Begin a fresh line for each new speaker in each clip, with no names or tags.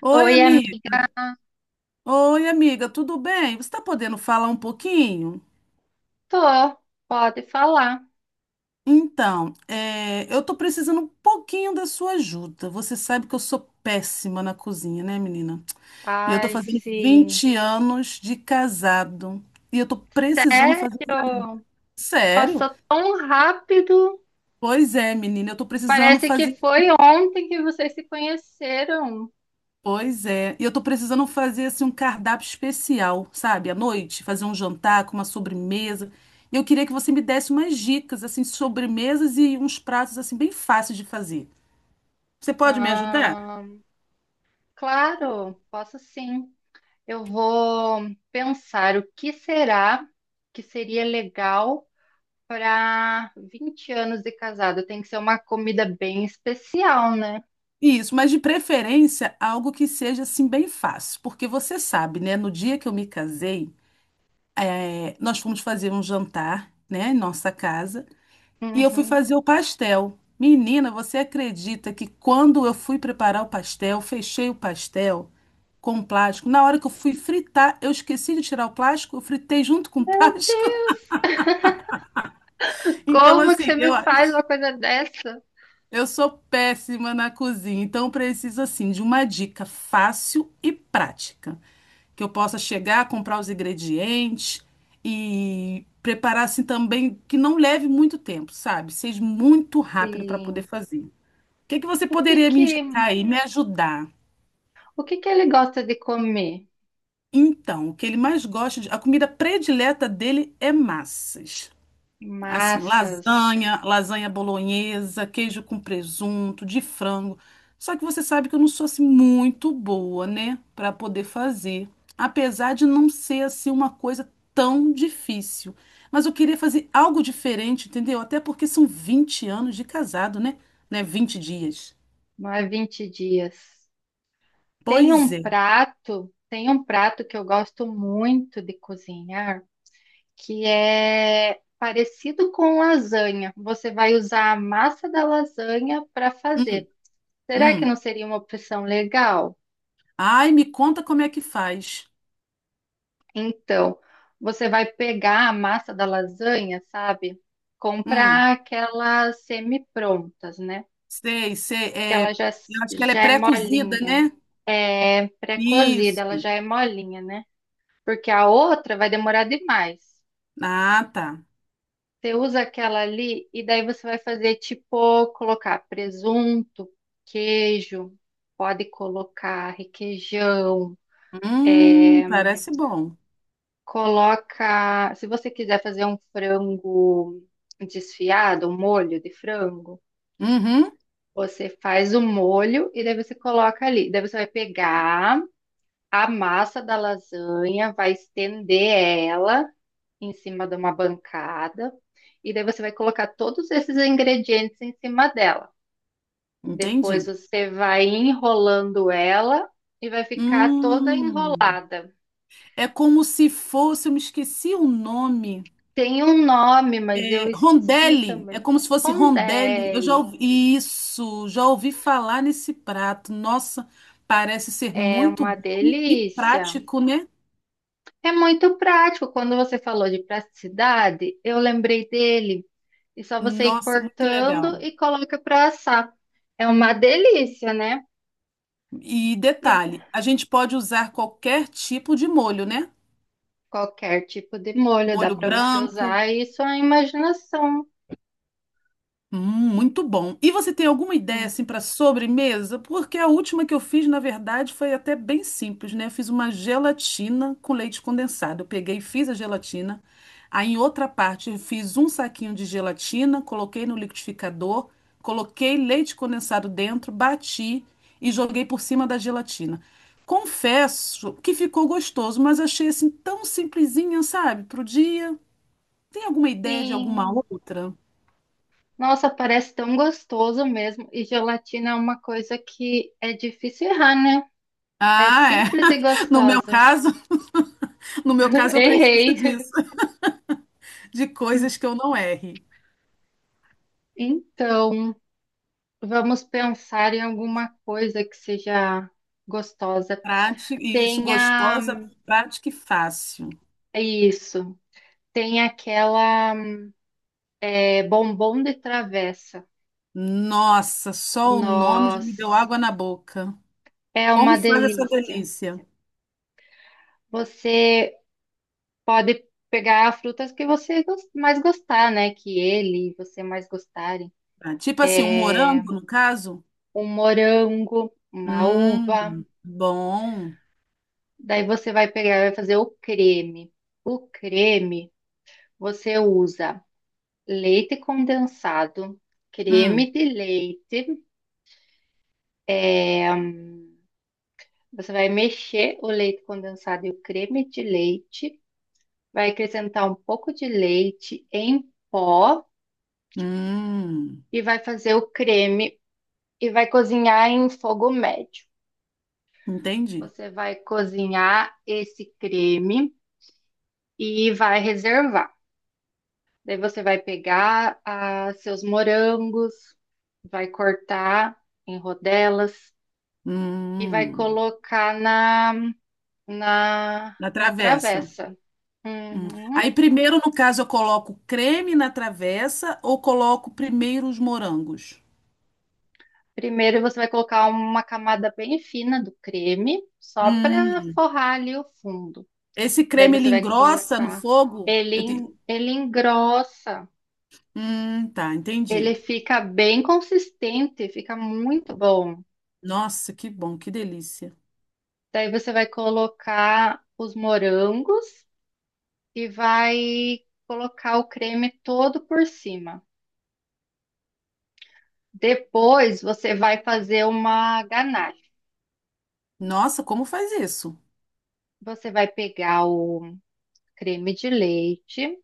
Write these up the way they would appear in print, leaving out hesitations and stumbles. Oi,
Oi,
amiga.
amigo.
Oi, amiga, tudo bem? Você está podendo falar um pouquinho?
Tô, pode falar.
Eu estou precisando um pouquinho da sua ajuda. Você sabe que eu sou péssima na cozinha, né, menina? E eu estou
Ai,
fazendo
sim.
20 anos de casado. E eu estou precisando fazer.
Sério?
Sério?
Passou tão rápido.
Pois é, menina, eu estou precisando
Parece que
fazer.
foi ontem que vocês se conheceram.
Pois é. E eu tô precisando fazer assim um cardápio especial, sabe? À noite, fazer um jantar com uma sobremesa. E eu queria que você me desse umas dicas assim, sobremesas e uns pratos assim bem fáceis de fazer. Você pode me ajudar?
Ah, claro, posso sim. Eu vou pensar o que será que seria legal para 20 anos de casado. Tem que ser uma comida bem especial, né?
Isso, mas de preferência algo que seja assim bem fácil, porque você sabe, né? No dia que eu me casei, nós fomos fazer um jantar, né, em nossa casa. E eu fui
Uhum.
fazer o pastel. Menina, você acredita que quando eu fui preparar o pastel, fechei o pastel com plástico. Na hora que eu fui fritar, eu esqueci de tirar o plástico, eu fritei junto com o
Meu
plástico.
Deus,
Então,
como que você
assim,
me
eu,
faz uma coisa dessa?
eu sou péssima na cozinha. Então, eu preciso, assim, de uma dica fácil e prática. Que eu possa chegar, comprar os ingredientes e preparar, assim, também, que não leve muito tempo, sabe? Seja muito rápido para poder
Sim.
fazer. O que que você
O que
poderia me
que,
indicar aí, me ajudar?
o que que ele gosta de comer?
Então, o que ele mais gosta de, a comida predileta dele é massas. Assim,
Massas,
lasanha, lasanha bolonhesa, queijo com presunto, de frango. Só que você sabe que eu não sou assim muito boa, né, para poder fazer, apesar de não ser assim uma coisa tão difícil. Mas eu queria fazer algo diferente, entendeu? Até porque são 20 anos de casado, né? Né, 20 dias.
não é 20 dias. Tem
Pois
um
é.
prato, tem um prato que eu gosto muito de cozinhar, que é parecido com lasanha. Você vai usar a massa da lasanha para fazer.
Hum,
Será que
hum.
não seria uma opção legal?
Ai, me conta como é que faz.
Então, você vai pegar a massa da lasanha, sabe?
Hum,
Comprar aquelas semi-prontas, né?
sei, sei.
que ela
É,
já,
eu acho que ela é
já é
pré-cozida,
molinha.
né?
É pré-cozida, ela
Isso.
já é molinha, né? Porque a outra vai demorar demais.
Ah, tá.
Você usa aquela ali e daí você vai fazer tipo colocar presunto, queijo, pode colocar requeijão, é,
Parece bom.
coloca, se você quiser fazer um frango desfiado, um molho de frango,
Uhum,
você faz o molho e daí você coloca ali. Daí você vai pegar a massa da lasanha, vai estender ela em cima de uma bancada e daí você vai colocar todos esses ingredientes em cima dela. Depois
entendi.
você vai enrolando ela e vai ficar toda
Hum,
enrolada.
é como se fosse, eu me esqueci o nome.
Tem um nome, mas eu
É,
esqueci
rondelli, é
também.
como se fosse rondelli. Eu já
Rondelli.
ouvi isso, já ouvi falar nesse prato. Nossa, parece ser
É
muito
uma
bom e
delícia.
prático, né?
É muito prático. Quando você falou de praticidade, eu lembrei dele. E só você ir
Nossa, muito
cortando
legal.
e coloca para assar. É uma delícia, né?
E
E
detalhe, a gente pode usar qualquer tipo de molho, né?
qualquer tipo de molho dá
Molho
para você
branco.
usar, e isso é imaginação.
Muito bom. E você tem alguma ideia
Sim.
assim para sobremesa? Porque a última que eu fiz, na verdade, foi até bem simples, né? Eu fiz uma gelatina com leite condensado. Eu peguei, e fiz a gelatina. Aí em outra parte eu fiz um saquinho de gelatina, coloquei no liquidificador, coloquei leite condensado dentro, bati e joguei por cima da gelatina. Confesso que ficou gostoso, mas achei assim tão simplesinha, sabe? Pro dia. Tem alguma ideia de alguma
Sim.
outra?
Nossa, parece tão gostoso mesmo. E gelatina é uma coisa que é difícil errar, né? É
Ah, é.
simples e
No meu
gostosa.
caso, no meu caso eu preciso
Errei.
disso, de coisas que eu não erre.
Então, vamos pensar em alguma coisa que seja gostosa.
Prática, e isso
Tem a...
gostosa, prática e fácil.
Isso. Tem aquela, é bombom de travessa.
Nossa, só o nome já me deu
Nossa,
água na boca.
é uma
Como faz essa
delícia.
delícia?
Você pode pegar frutas que você mais gostar, né? Que ele e você mais gostarem.
Ah, tipo assim, um
É
morango, no caso?
um morango, uma uva.
Bom.
Daí você vai pegar, vai fazer o creme. O creme você usa leite condensado,
Hum,
creme de leite. é, você vai mexer o leite condensado e o creme de leite. Vai acrescentar um pouco de leite em pó
hum,
e vai fazer o creme e vai cozinhar em fogo médio.
entendi.
Você vai cozinhar esse creme e vai reservar. Daí você vai pegar seus morangos, vai cortar em rodelas e vai
Hum,
colocar
na
na
travessa.
travessa.
Hum.
Uhum.
Aí primeiro, no caso, eu coloco creme na travessa ou coloco primeiro os morangos?
Primeiro você vai colocar uma camada bem fina do creme, só para
Hum,
forrar ali o fundo.
esse
Daí
creme ele
você vai
engrossa no
colocar.
fogo? Eu te...
Ele engrossa,
Tá,
ele
entendi.
fica bem consistente, fica muito bom.
Nossa, que bom, que delícia.
Daí você vai colocar os morangos e vai colocar o creme todo por cima. Depois você vai fazer uma ganache.
Nossa, como faz isso?
Você vai pegar o creme de leite,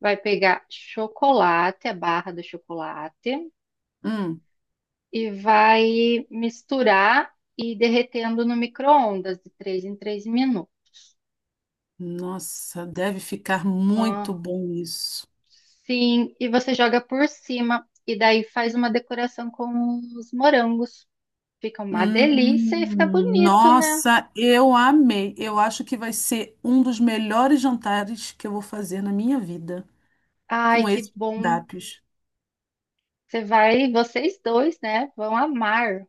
vai pegar chocolate, a barra do chocolate,
Hum,
e vai misturar e ir derretendo no micro-ondas de 3 em 3 minutos.
nossa, deve ficar muito
Ah,
bom isso.
sim, e você joga por cima, e daí faz uma decoração com os morangos. Fica uma delícia e fica bonito, né?
Nossa, eu amei. Eu acho que vai ser um dos melhores jantares que eu vou fazer na minha vida
Ai,
com
que
esses
bom.
cardápios.
Você vai, vocês dois, né? Vão amar.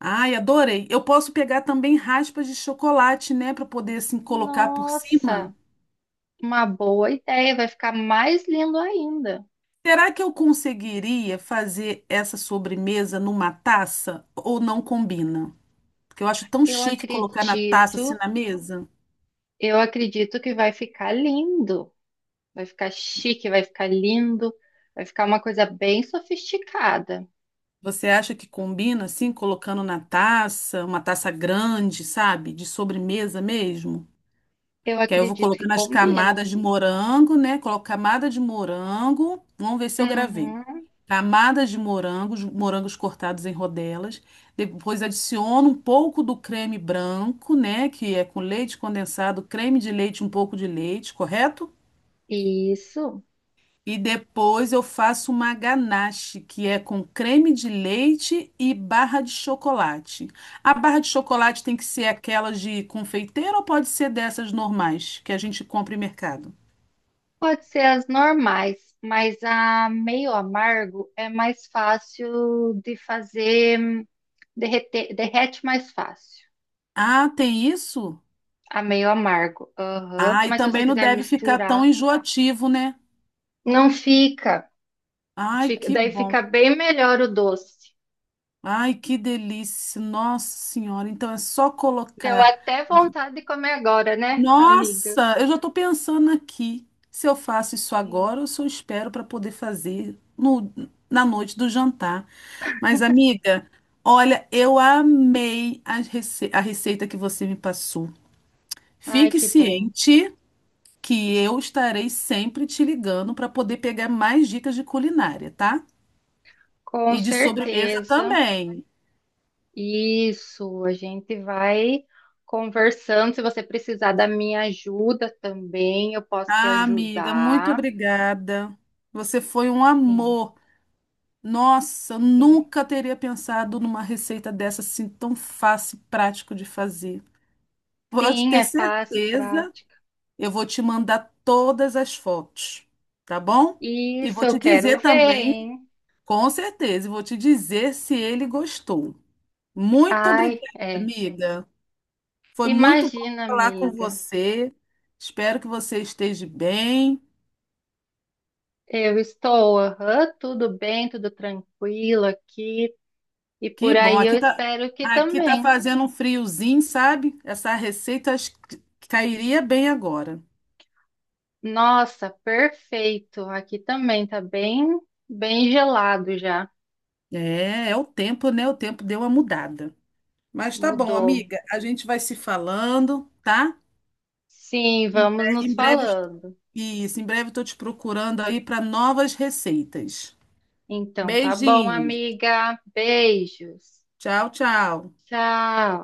Ai, adorei. Eu posso pegar também raspas de chocolate, né, para poder assim colocar por cima.
Nossa, uma boa ideia. Vai ficar mais lindo ainda.
Será que eu conseguiria fazer essa sobremesa numa taça ou não combina? Porque eu acho tão
Eu
chique colocar na taça assim
acredito
na mesa.
Eu acredito que vai ficar lindo, vai ficar chique, vai ficar lindo, vai ficar uma coisa bem sofisticada.
Você acha que combina assim, colocando na taça, uma taça grande, sabe? De sobremesa mesmo?
Eu
Que aí eu vou
acredito que
colocando as
combina.
camadas de morango, né? Coloco camada de morango. Vamos ver se eu gravei.
Uhum.
Camadas de morangos, morangos cortados em rodelas. Depois adiciono um pouco do creme branco, né? Que é com leite condensado, creme de leite, um pouco de leite, correto?
Isso.
E depois eu faço uma ganache, que é com creme de leite e barra de chocolate. A barra de chocolate tem que ser aquelas de confeiteiro ou pode ser dessas normais que a gente compra em mercado?
Pode ser as normais, mas a meio amargo é mais fácil de fazer, derreter, derrete mais fácil.
Ah, tem isso?
A meio amargo. Aham.
Ah, e
Mas se você
também não
quiser
deve ficar tão
misturar,
enjoativo, né?
não fica.
Ai,
Fica,
que
daí
bom.
fica bem melhor o doce.
Ai, que delícia. Nossa Senhora, então é só
Deu
colocar.
até vontade de comer agora, né, amiga?
Nossa, eu já estou pensando aqui se eu faço isso
Sim.
agora ou se eu espero para poder fazer no, na noite do jantar. Mas, amiga, olha, eu amei a, rece- a receita que você me passou.
Ai,
Fique
que bom.
ciente que eu estarei sempre te ligando para poder pegar mais dicas de culinária, tá?
Com
E de sobremesa
certeza.
também.
Isso, a gente vai conversando. Se você precisar da minha ajuda também, eu posso te
Ah, amiga, muito
ajudar.
obrigada. Você foi um
Sim,
amor. Nossa, eu
sim.
nunca teria pensado numa receita dessa assim tão fácil e prático de fazer. Pode
Sim,
ter
é fácil,
certeza,
prática.
eu vou te mandar todas as fotos, tá bom? E
Isso,
vou
eu
te
quero
dizer
ver,
também,
hein?
com certeza, e vou te dizer se ele gostou. Muito obrigada,
Ai, é.
amiga. Foi muito bom
Imagina,
falar com
amiga.
você. Espero que você esteja bem.
Eu estou, aham, tudo bem, tudo tranquilo aqui. E
Que
por
bom.
aí eu espero que
Aqui tá
também.
fazendo um friozinho, sabe? Essa receita acho que cairia bem agora.
Nossa, perfeito. Aqui também tá bem, bem gelado já.
É, é o tempo, né? O tempo deu uma mudada. Mas tá bom,
Mudou.
amiga. A gente vai se falando, tá?
Sim, vamos nos
Em breve,
falando.
isso, em breve eu tô te procurando aí para novas receitas.
Então, tá bom,
Beijinhos.
amiga. Beijos.
Tchau, tchau.
Tchau.